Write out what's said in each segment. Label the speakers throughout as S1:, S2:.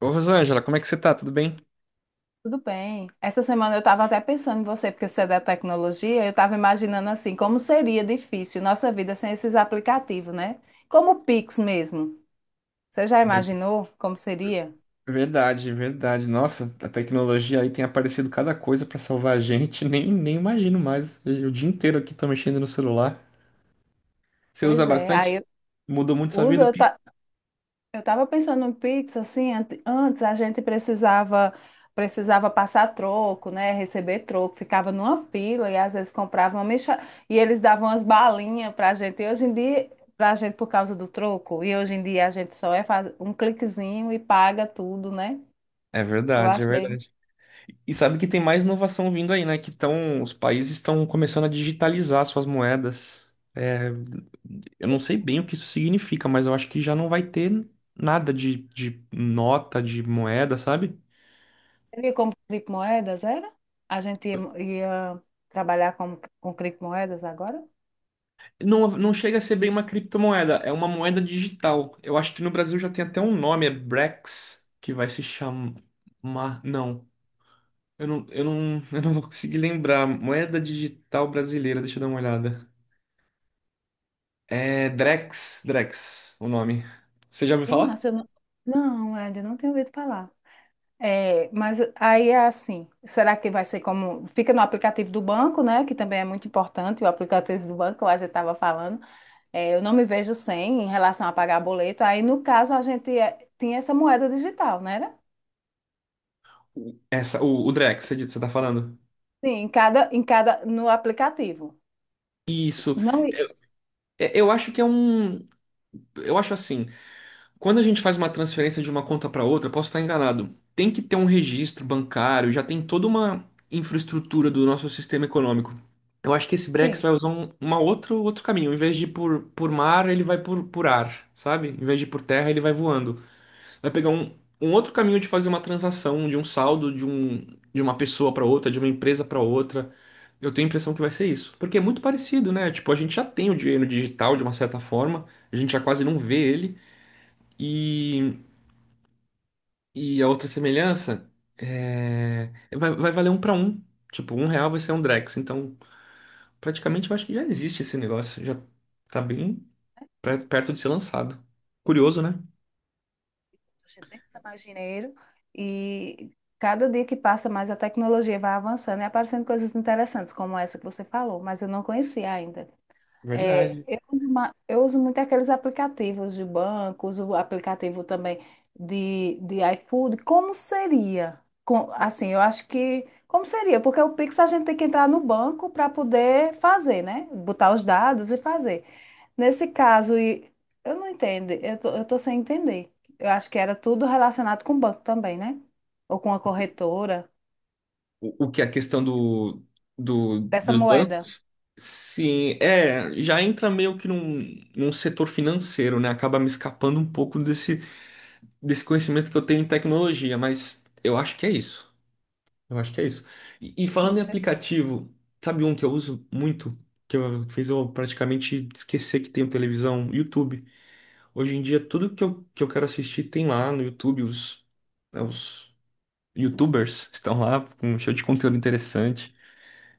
S1: Ô, Rosângela, como é que você tá? Tudo bem?
S2: Tudo bem. Essa semana eu estava até pensando em você, porque você é da tecnologia, eu estava imaginando assim, como seria difícil nossa vida sem esses aplicativos, né? Como o Pix mesmo. Você já
S1: Ver-
S2: imaginou como seria?
S1: Verdade, verdade. Nossa, a tecnologia aí tem aparecido cada coisa pra salvar a gente. Nem imagino mais. O dia inteiro aqui tô mexendo no celular. Você usa
S2: Pois é, aí
S1: bastante?
S2: eu
S1: Mudou muito sua
S2: uso,
S1: vida,
S2: eu,
S1: Pi?
S2: Eu estava pensando em pizza, assim, antes a gente precisava passar troco, né, receber troco, ficava numa fila e às vezes comprava uma mexa... e eles davam umas balinhas para a gente. E hoje em dia, para a gente por causa do troco, e hoje em dia a gente só é faz um cliquezinho e paga tudo, né?
S1: É
S2: Eu
S1: verdade, é
S2: acho bem.
S1: verdade. E sabe que tem mais inovação vindo aí, né? Os países estão começando a digitalizar suas moedas. É, eu não sei bem o que isso significa, mas eu acho que já não vai ter nada de nota, de moeda, sabe?
S2: Seria como criptomoedas, era? A gente ia trabalhar com criptomoedas agora?
S1: Não, não chega a ser bem uma criptomoeda, é uma moeda digital. Eu acho que no Brasil já tem até um nome, é Brex, que vai se chamar. Não, eu não, eu não, eu não vou conseguir lembrar. Moeda digital brasileira, deixa eu dar uma olhada. É Drex, Drex, o nome. Você já ouviu
S2: Que
S1: falar?
S2: massa, eu não, não, ainda não tenho ouvido falar. É, mas aí é assim, será que vai ser como, fica no aplicativo do banco, né, que também é muito importante, o aplicativo do banco, a gente estava falando. É, eu não me vejo sem em relação a pagar boleto. Aí, no caso, a gente tinha essa moeda digital, né?
S1: O Drex, você disse, você tá falando?
S2: Sim, em cada, no aplicativo. Não,
S1: É, eu acho que é um. Eu acho assim. Quando a gente faz uma transferência de uma conta para outra, posso estar enganado. Tem que ter um registro bancário, já tem toda uma infraestrutura do nosso sistema econômico. Eu acho que esse Brex
S2: sim,
S1: vai usar outro caminho. Em vez de ir por mar, ele vai por ar, sabe? Em vez de ir por terra, ele vai voando. Vai pegar um outro caminho de fazer uma transação, de um saldo de uma pessoa para outra, de uma empresa para outra. Eu tenho a impressão que vai ser isso. Porque é muito parecido, né? Tipo, a gente já tem o dinheiro digital de uma certa forma, a gente já quase não vê ele. E. E a outra semelhança é vai valer um para um. Tipo, um real vai ser um Drex. Então, praticamente eu acho que já existe esse negócio. Já tá bem perto de ser lançado. Curioso, né?
S2: a gente nem precisa mais dinheiro e cada dia que passa mais a tecnologia vai avançando e aparecendo coisas interessantes como essa que você falou, mas eu não conhecia ainda. É,
S1: Verdade.
S2: eu uso muito aqueles aplicativos de banco, uso o aplicativo também de iFood. Como seria? Assim, eu acho que. Como seria? Porque o Pix a gente tem que entrar no banco para poder fazer, né? Botar os dados e fazer. Nesse caso, eu não entendo, eu tô sem entender. Eu acho que era tudo relacionado com o banco também, né? Ou com a corretora
S1: O que é a questão do, do,
S2: dessa
S1: dos
S2: moeda.
S1: bancos? Sim, é, já entra meio que num setor financeiro, né? Acaba me escapando um pouco desse conhecimento que eu tenho em tecnologia, mas eu acho que é isso. Eu acho que é isso. E falando em aplicativo, sabe um que eu uso muito, fez eu praticamente esquecer que tenho televisão? YouTube. Hoje em dia, tudo que eu quero assistir tem lá no YouTube. Né, os YouTubers estão lá com um show de conteúdo interessante.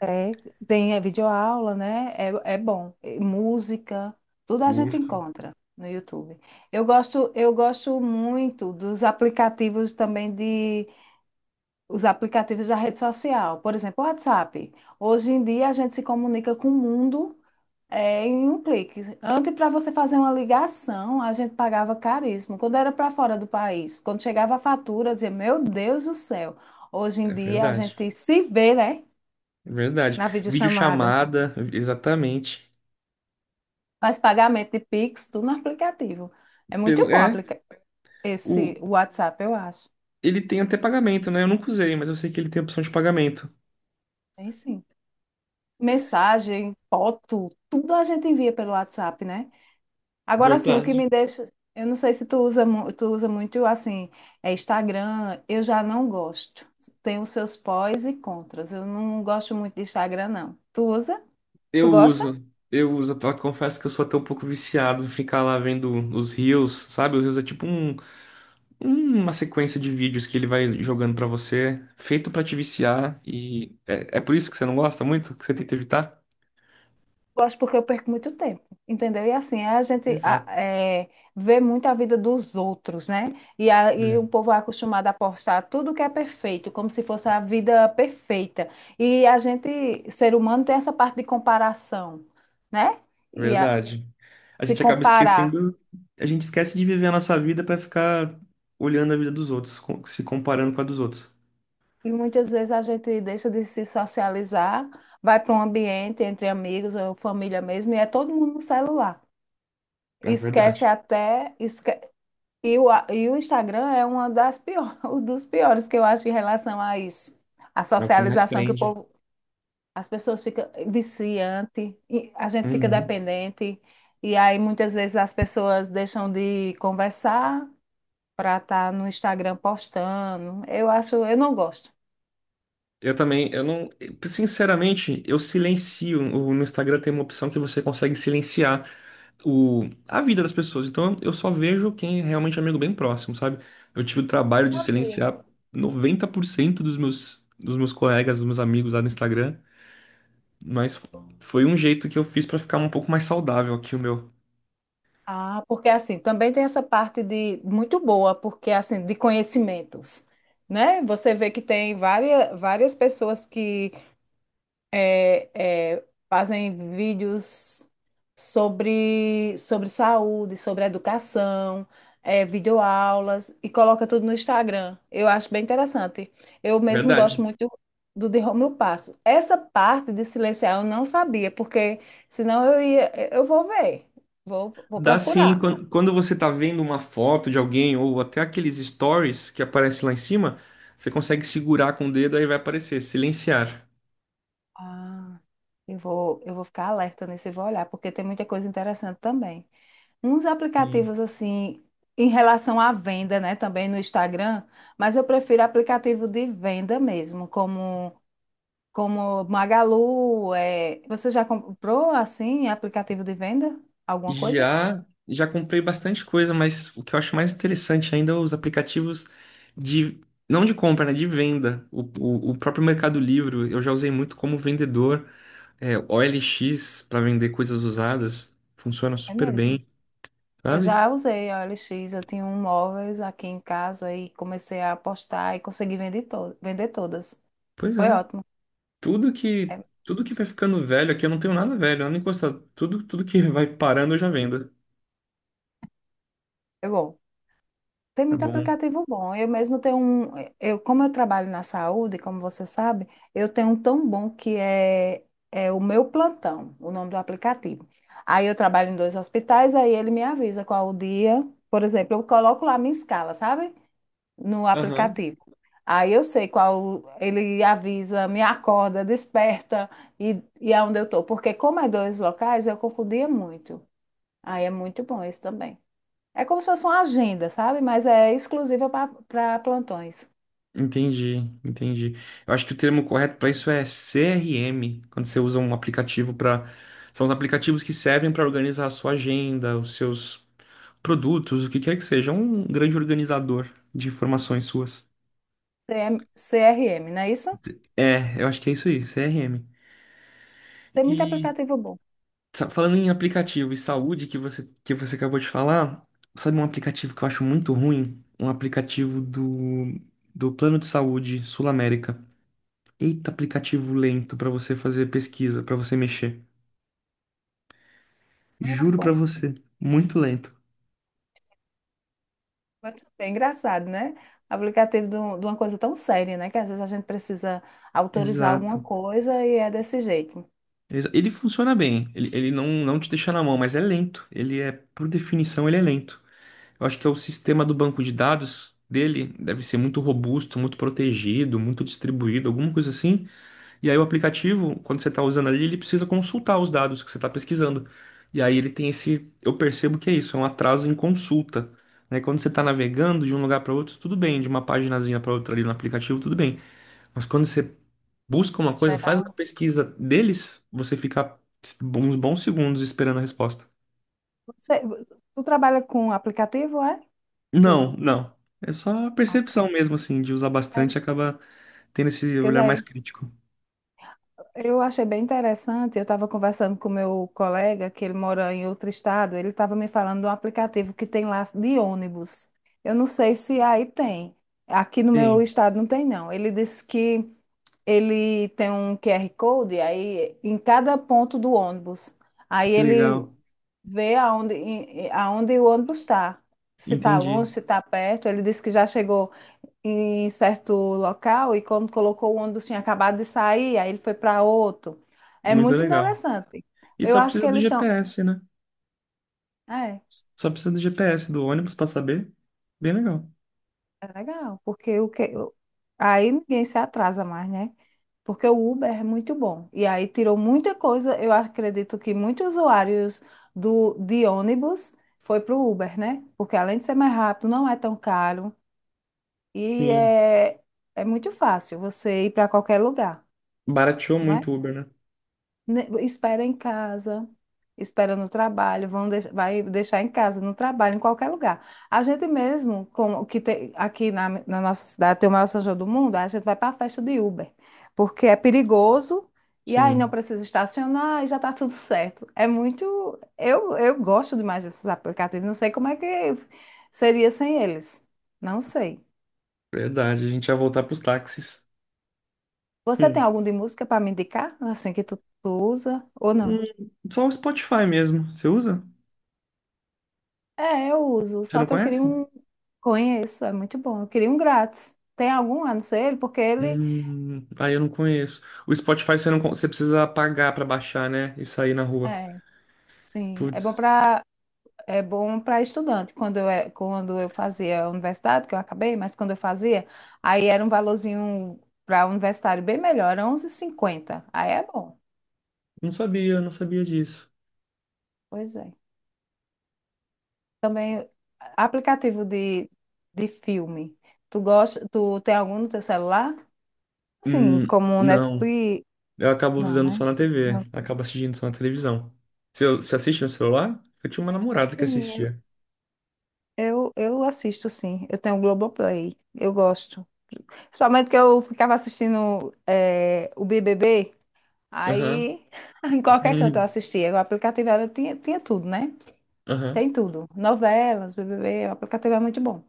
S2: É, tem videoaula, né? É, é bom. E música, tudo a gente
S1: Curto.
S2: encontra no YouTube. Eu gosto muito dos aplicativos também de os aplicativos da rede social, por exemplo, o WhatsApp. Hoje em dia a gente se comunica com o mundo em um clique. Antes, para você fazer uma ligação, a gente pagava caríssimo. Quando era para fora do país, quando chegava a fatura, eu dizia, meu Deus do céu. Hoje em
S1: É
S2: dia a
S1: verdade.
S2: gente se vê, né?
S1: É verdade.
S2: Na videochamada.
S1: Videochamada, exatamente.
S2: Faz pagamento de Pix, tudo no aplicativo. É muito
S1: Pelo,
S2: bom
S1: é,
S2: aplica esse
S1: o,
S2: WhatsApp, eu acho.
S1: Ele tem até pagamento, né? Eu nunca usei, mas eu sei que ele tem opção de pagamento.
S2: Tem sim. Mensagem, foto, tudo a gente envia pelo WhatsApp, né? Agora sim, o que
S1: Verdade.
S2: me deixa. Eu não sei se tu usa, tu usa muito assim, Instagram, eu já não gosto. Tem os seus pós e contras. Eu não gosto muito de Instagram, não. Tu usa?
S1: Eu
S2: Tu gosta?
S1: uso, Confesso que eu sou até um pouco viciado em ficar lá vendo os reels, sabe? Os reels é tipo um, uma sequência de vídeos que ele vai jogando pra você, feito pra te viciar, e é por isso que você não gosta muito, que você tenta evitar?
S2: Gosto porque eu perco muito tempo, entendeu? E assim, a gente
S1: Exato.
S2: vê muito a vida dos outros, né? E
S1: É,
S2: o povo é acostumado a postar tudo que é perfeito, como se fosse a vida perfeita. E a gente, ser humano, tem essa parte de comparação, né? E a-
S1: verdade. A
S2: Se
S1: gente acaba
S2: comparar.
S1: esquecendo, a gente esquece de viver a nossa vida pra ficar olhando a vida dos outros, se comparando com a dos outros.
S2: E muitas vezes a gente deixa de se socializar, vai para um ambiente entre amigos ou família mesmo, e é todo mundo no celular.
S1: É
S2: Esquece
S1: verdade.
S2: até, esque E o, a- e o Instagram é uma das pior, um dos piores que eu acho em relação a isso. A
S1: É o que mais
S2: socialização que o
S1: prende.
S2: povo, as pessoas ficam viciante, e a gente fica
S1: Uhum.
S2: dependente, e aí muitas vezes as pessoas deixam de conversar para estar no Instagram postando. Eu acho, eu não gosto.
S1: Eu também, eu não, sinceramente, eu silencio. No Instagram tem uma opção que você consegue silenciar a vida das pessoas. Então eu só vejo quem é realmente amigo bem próximo, sabe? Eu tive o trabalho de
S2: Sabia.
S1: silenciar 90% dos meus colegas, dos meus amigos lá no Instagram, mas foi um jeito que eu fiz pra ficar um pouco mais saudável aqui o meu.
S2: Ah, porque assim, também tem essa parte de muito boa, porque assim, de conhecimentos, né? Você vê que tem várias, várias pessoas que fazem vídeos sobre saúde, sobre educação, videoaulas e coloca tudo no Instagram. Eu acho bem interessante. Eu mesmo gosto
S1: Verdade.
S2: muito do de Rômulo Passo. Essa parte de silenciar eu não sabia, porque senão eu ia, eu vou ver, vou
S1: Dá sim,
S2: procurar.
S1: quando você tá vendo uma foto de alguém ou até aqueles stories que aparecem lá em cima, você consegue segurar com o dedo, aí vai aparecer, silenciar.
S2: Ah, eu vou ficar alerta nisso e vou olhar, porque tem muita coisa interessante também. Uns
S1: Sim.
S2: aplicativos assim, em relação à venda, né, também no Instagram, mas eu prefiro aplicativo de venda mesmo, como Magalu, você já comprou assim aplicativo de venda? Alguma coisa?
S1: Já comprei bastante coisa, mas o que eu acho mais interessante ainda é os aplicativos de, não de compra, né, de venda. O próprio Mercado Livre, eu já usei muito como vendedor, é, OLX para vender coisas usadas, funciona
S2: É
S1: super
S2: mesmo.
S1: bem,
S2: Eu
S1: sabe?
S2: já usei a OLX, eu tinha um móveis aqui em casa e comecei a apostar e consegui vender, to vender todas.
S1: Pois
S2: Foi
S1: é.
S2: ótimo.
S1: Tudo que
S2: É,
S1: tudo que vai ficando velho aqui, eu não tenho nada velho, nada encostado. Tudo que vai parando eu já vendo.
S2: é bom. Tem
S1: É
S2: muito
S1: bom.
S2: aplicativo bom. Eu mesmo tenho um. Eu, como eu trabalho na saúde, como você sabe, eu tenho um tão bom que é o meu plantão, o nome do aplicativo. Aí eu trabalho em dois hospitais, aí ele me avisa qual o dia. Por exemplo, eu coloco lá minha escala, sabe? No
S1: Aham.
S2: aplicativo. Aí eu sei qual. Ele avisa, me acorda, desperta e aonde eu tô. Porque como é dois locais, eu confundia muito. Aí é muito bom esse também. É como se fosse uma agenda, sabe? Mas é exclusiva para plantões.
S1: Entendi, entendi. Eu acho que o termo correto para isso é CRM, quando você usa um aplicativo para. São os aplicativos que servem para organizar a sua agenda, os seus produtos, o que quer que seja. Um grande organizador de informações suas.
S2: CM CRM, não é isso?
S1: É, eu acho que é isso aí, CRM.
S2: Tem muito aplicativo bom.
S1: Falando em aplicativo e saúde que você acabou de falar, sabe um aplicativo que eu acho muito ruim? Um aplicativo do Plano de Saúde Sul América. Eita, aplicativo lento pra você fazer pesquisa, pra você mexer.
S2: Não é
S1: Juro pra
S2: bom.
S1: você, muito lento.
S2: Mas é engraçado, né? Aplicativo de uma coisa tão séria, né? Que às vezes a gente precisa autorizar alguma
S1: Exato.
S2: coisa e é desse jeito.
S1: Ele funciona bem, ele não te deixa na mão, mas é lento. Ele é, por definição, ele é lento. Eu acho que é o sistema do banco de dados dele deve ser muito robusto, muito protegido, muito distribuído, alguma coisa assim. E aí o aplicativo, quando você está usando ali, ele precisa consultar os dados que você está pesquisando. E aí ele tem esse, eu percebo que é isso, é um atraso em consulta. Né? Quando você está navegando de um lugar para outro, tudo bem, de uma paginazinha para outra ali no aplicativo, tudo bem. Mas quando você busca
S2: Em
S1: uma coisa, faz
S2: geral.
S1: uma pesquisa deles, você fica uns bons segundos esperando a resposta.
S2: Você, tu trabalha com aplicativo, é?
S1: Não,
S2: Tu,
S1: não. É só a
S2: ah,
S1: percepção mesmo, assim, de usar
S2: é,
S1: bastante, acaba tendo esse
S2: que eu
S1: olhar
S2: já
S1: mais crítico.
S2: Eu achei bem interessante. Eu estava conversando com meu colega, que ele mora em outro estado. Ele estava me falando de um aplicativo que tem lá de ônibus. Eu não sei se aí tem. Aqui no meu
S1: Sim,
S2: estado não tem, não. Ele disse que ele tem um QR Code aí em cada ponto do ônibus. Aí
S1: que
S2: ele
S1: legal.
S2: vê aonde, aonde o ônibus está. Se está
S1: Entendi.
S2: longe, se está perto. Ele disse que já chegou em certo local e quando colocou o ônibus tinha acabado de sair, aí ele foi para outro. É
S1: Muito
S2: muito
S1: legal.
S2: interessante.
S1: E
S2: Eu
S1: só
S2: acho que
S1: precisa do
S2: eles estão.
S1: GPS, né?
S2: É,
S1: Só precisa do GPS do ônibus pra saber. Bem legal.
S2: é legal, porque o que... Aí ninguém se atrasa mais, né? Porque o Uber é muito bom. E aí tirou muita coisa. Eu acredito que muitos usuários de ônibus foi para o Uber, né? Porque além de ser mais rápido, não é tão caro e
S1: Sim.
S2: é muito fácil você ir para qualquer lugar.
S1: Barateou muito o Uber, né?
S2: Espera em casa, espera no trabalho, vai deixar em casa, no trabalho, em qualquer lugar. A gente mesmo, como o que tem, aqui na nossa cidade tem o maior São João do mundo, a gente vai para a festa de Uber, porque é perigoso e aí não
S1: Sim,
S2: precisa estacionar e já está tudo certo. É muito. Eu gosto demais desses aplicativos, não sei como é que seria sem eles. Não sei.
S1: verdade. A gente ia voltar pros táxis.
S2: Você tem algum de música para me indicar? Assim que tu usa ou não?
S1: Hum, Só o Spotify mesmo. Você usa?
S2: É, eu uso,
S1: Você
S2: só
S1: não
S2: que eu queria
S1: conhece?
S2: um. Conheço, é muito bom. Eu queria um grátis. Tem algum, a não ser ele, porque ele.
S1: Aí eu não conheço. O Spotify você não, con- você precisa pagar pra baixar, né? E sair na rua.
S2: É, sim, é bom
S1: Putz,
S2: para é bom para estudante. Quando eu fazia a universidade, que eu acabei, mas quando eu fazia, aí era um valorzinho para universitário bem melhor, era 11,50. Aí é bom.
S1: não sabia, não sabia disso.
S2: Pois é. Também aplicativo de filme. Tu gosta, tu tem algum no teu celular? Sim,
S1: Hum,
S2: como
S1: não.
S2: Netflix.
S1: Eu acabo
S2: Não,
S1: visando
S2: né?
S1: só na
S2: Não.
S1: TV. Acabo assistindo só na televisão. Você assiste no celular? Eu tinha uma namorada que
S2: Sim,
S1: assistia.
S2: eu assisto, sim. Eu tenho o Globoplay. Eu gosto. Principalmente que eu ficava assistindo o BBB,
S1: Aham.
S2: aí em qualquer canto eu
S1: Hum,
S2: assistia. O aplicativo era, tinha tudo, né?
S1: Aham.
S2: Tem tudo. Novelas, BBB, o aplicativo é muito bom.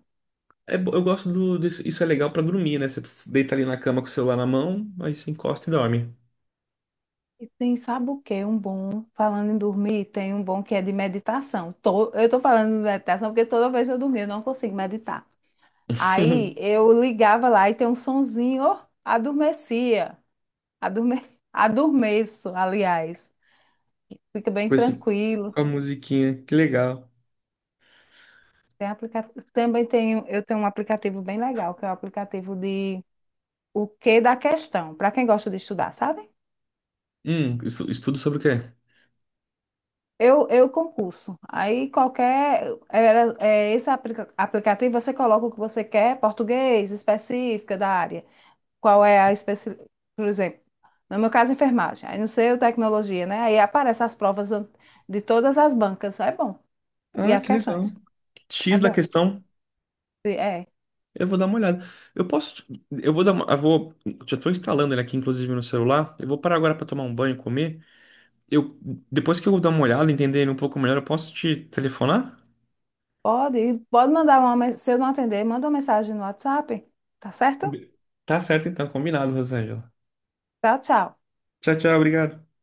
S1: Eu gosto isso é legal pra dormir, né? Você deita ali na cama com o celular na mão, aí você encosta e dorme.
S2: E tem, sabe o quê? Um bom, falando em dormir, tem um bom que é de meditação. Eu tô falando de meditação porque toda vez eu dormia, eu não consigo meditar. Aí eu ligava lá e tem um sonzinho, ó, adormecia. Adorme... Adormeço, aliás. Fica bem
S1: Com esse,
S2: tranquilo.
S1: com a musiquinha. Que legal.
S2: Tem aplica... Também tenho um aplicativo bem legal, que é o aplicativo de O Que da Questão, para quem gosta de estudar, sabe?
S1: Estudo sobre o quê?
S2: Eu concurso. Aí qualquer. É esse aplicativo você coloca o que você quer, português, específica da área. Qual é a especi... Por exemplo, no meu caso, enfermagem. Aí não sei o tecnologia, né? Aí aparecem as provas de todas as bancas. É bom. E
S1: Ah,
S2: as
S1: que legal.
S2: questões. É
S1: X da
S2: bom.
S1: questão,
S2: É,
S1: eu vou dar uma olhada. Eu posso, eu vou dar uma, eu vou, Já estou instalando ele aqui, inclusive, no celular. Eu vou parar agora para tomar um banho e comer. Eu, Depois que eu dar uma olhada, entender ele um pouco melhor, eu posso te telefonar?
S2: pode mandar se eu não atender, manda uma mensagem no WhatsApp, tá certo?
S1: Be- Tá certo, então, combinado, Rosângela.
S2: Tchau, tchau.
S1: Tchau, tchau. Obrigado.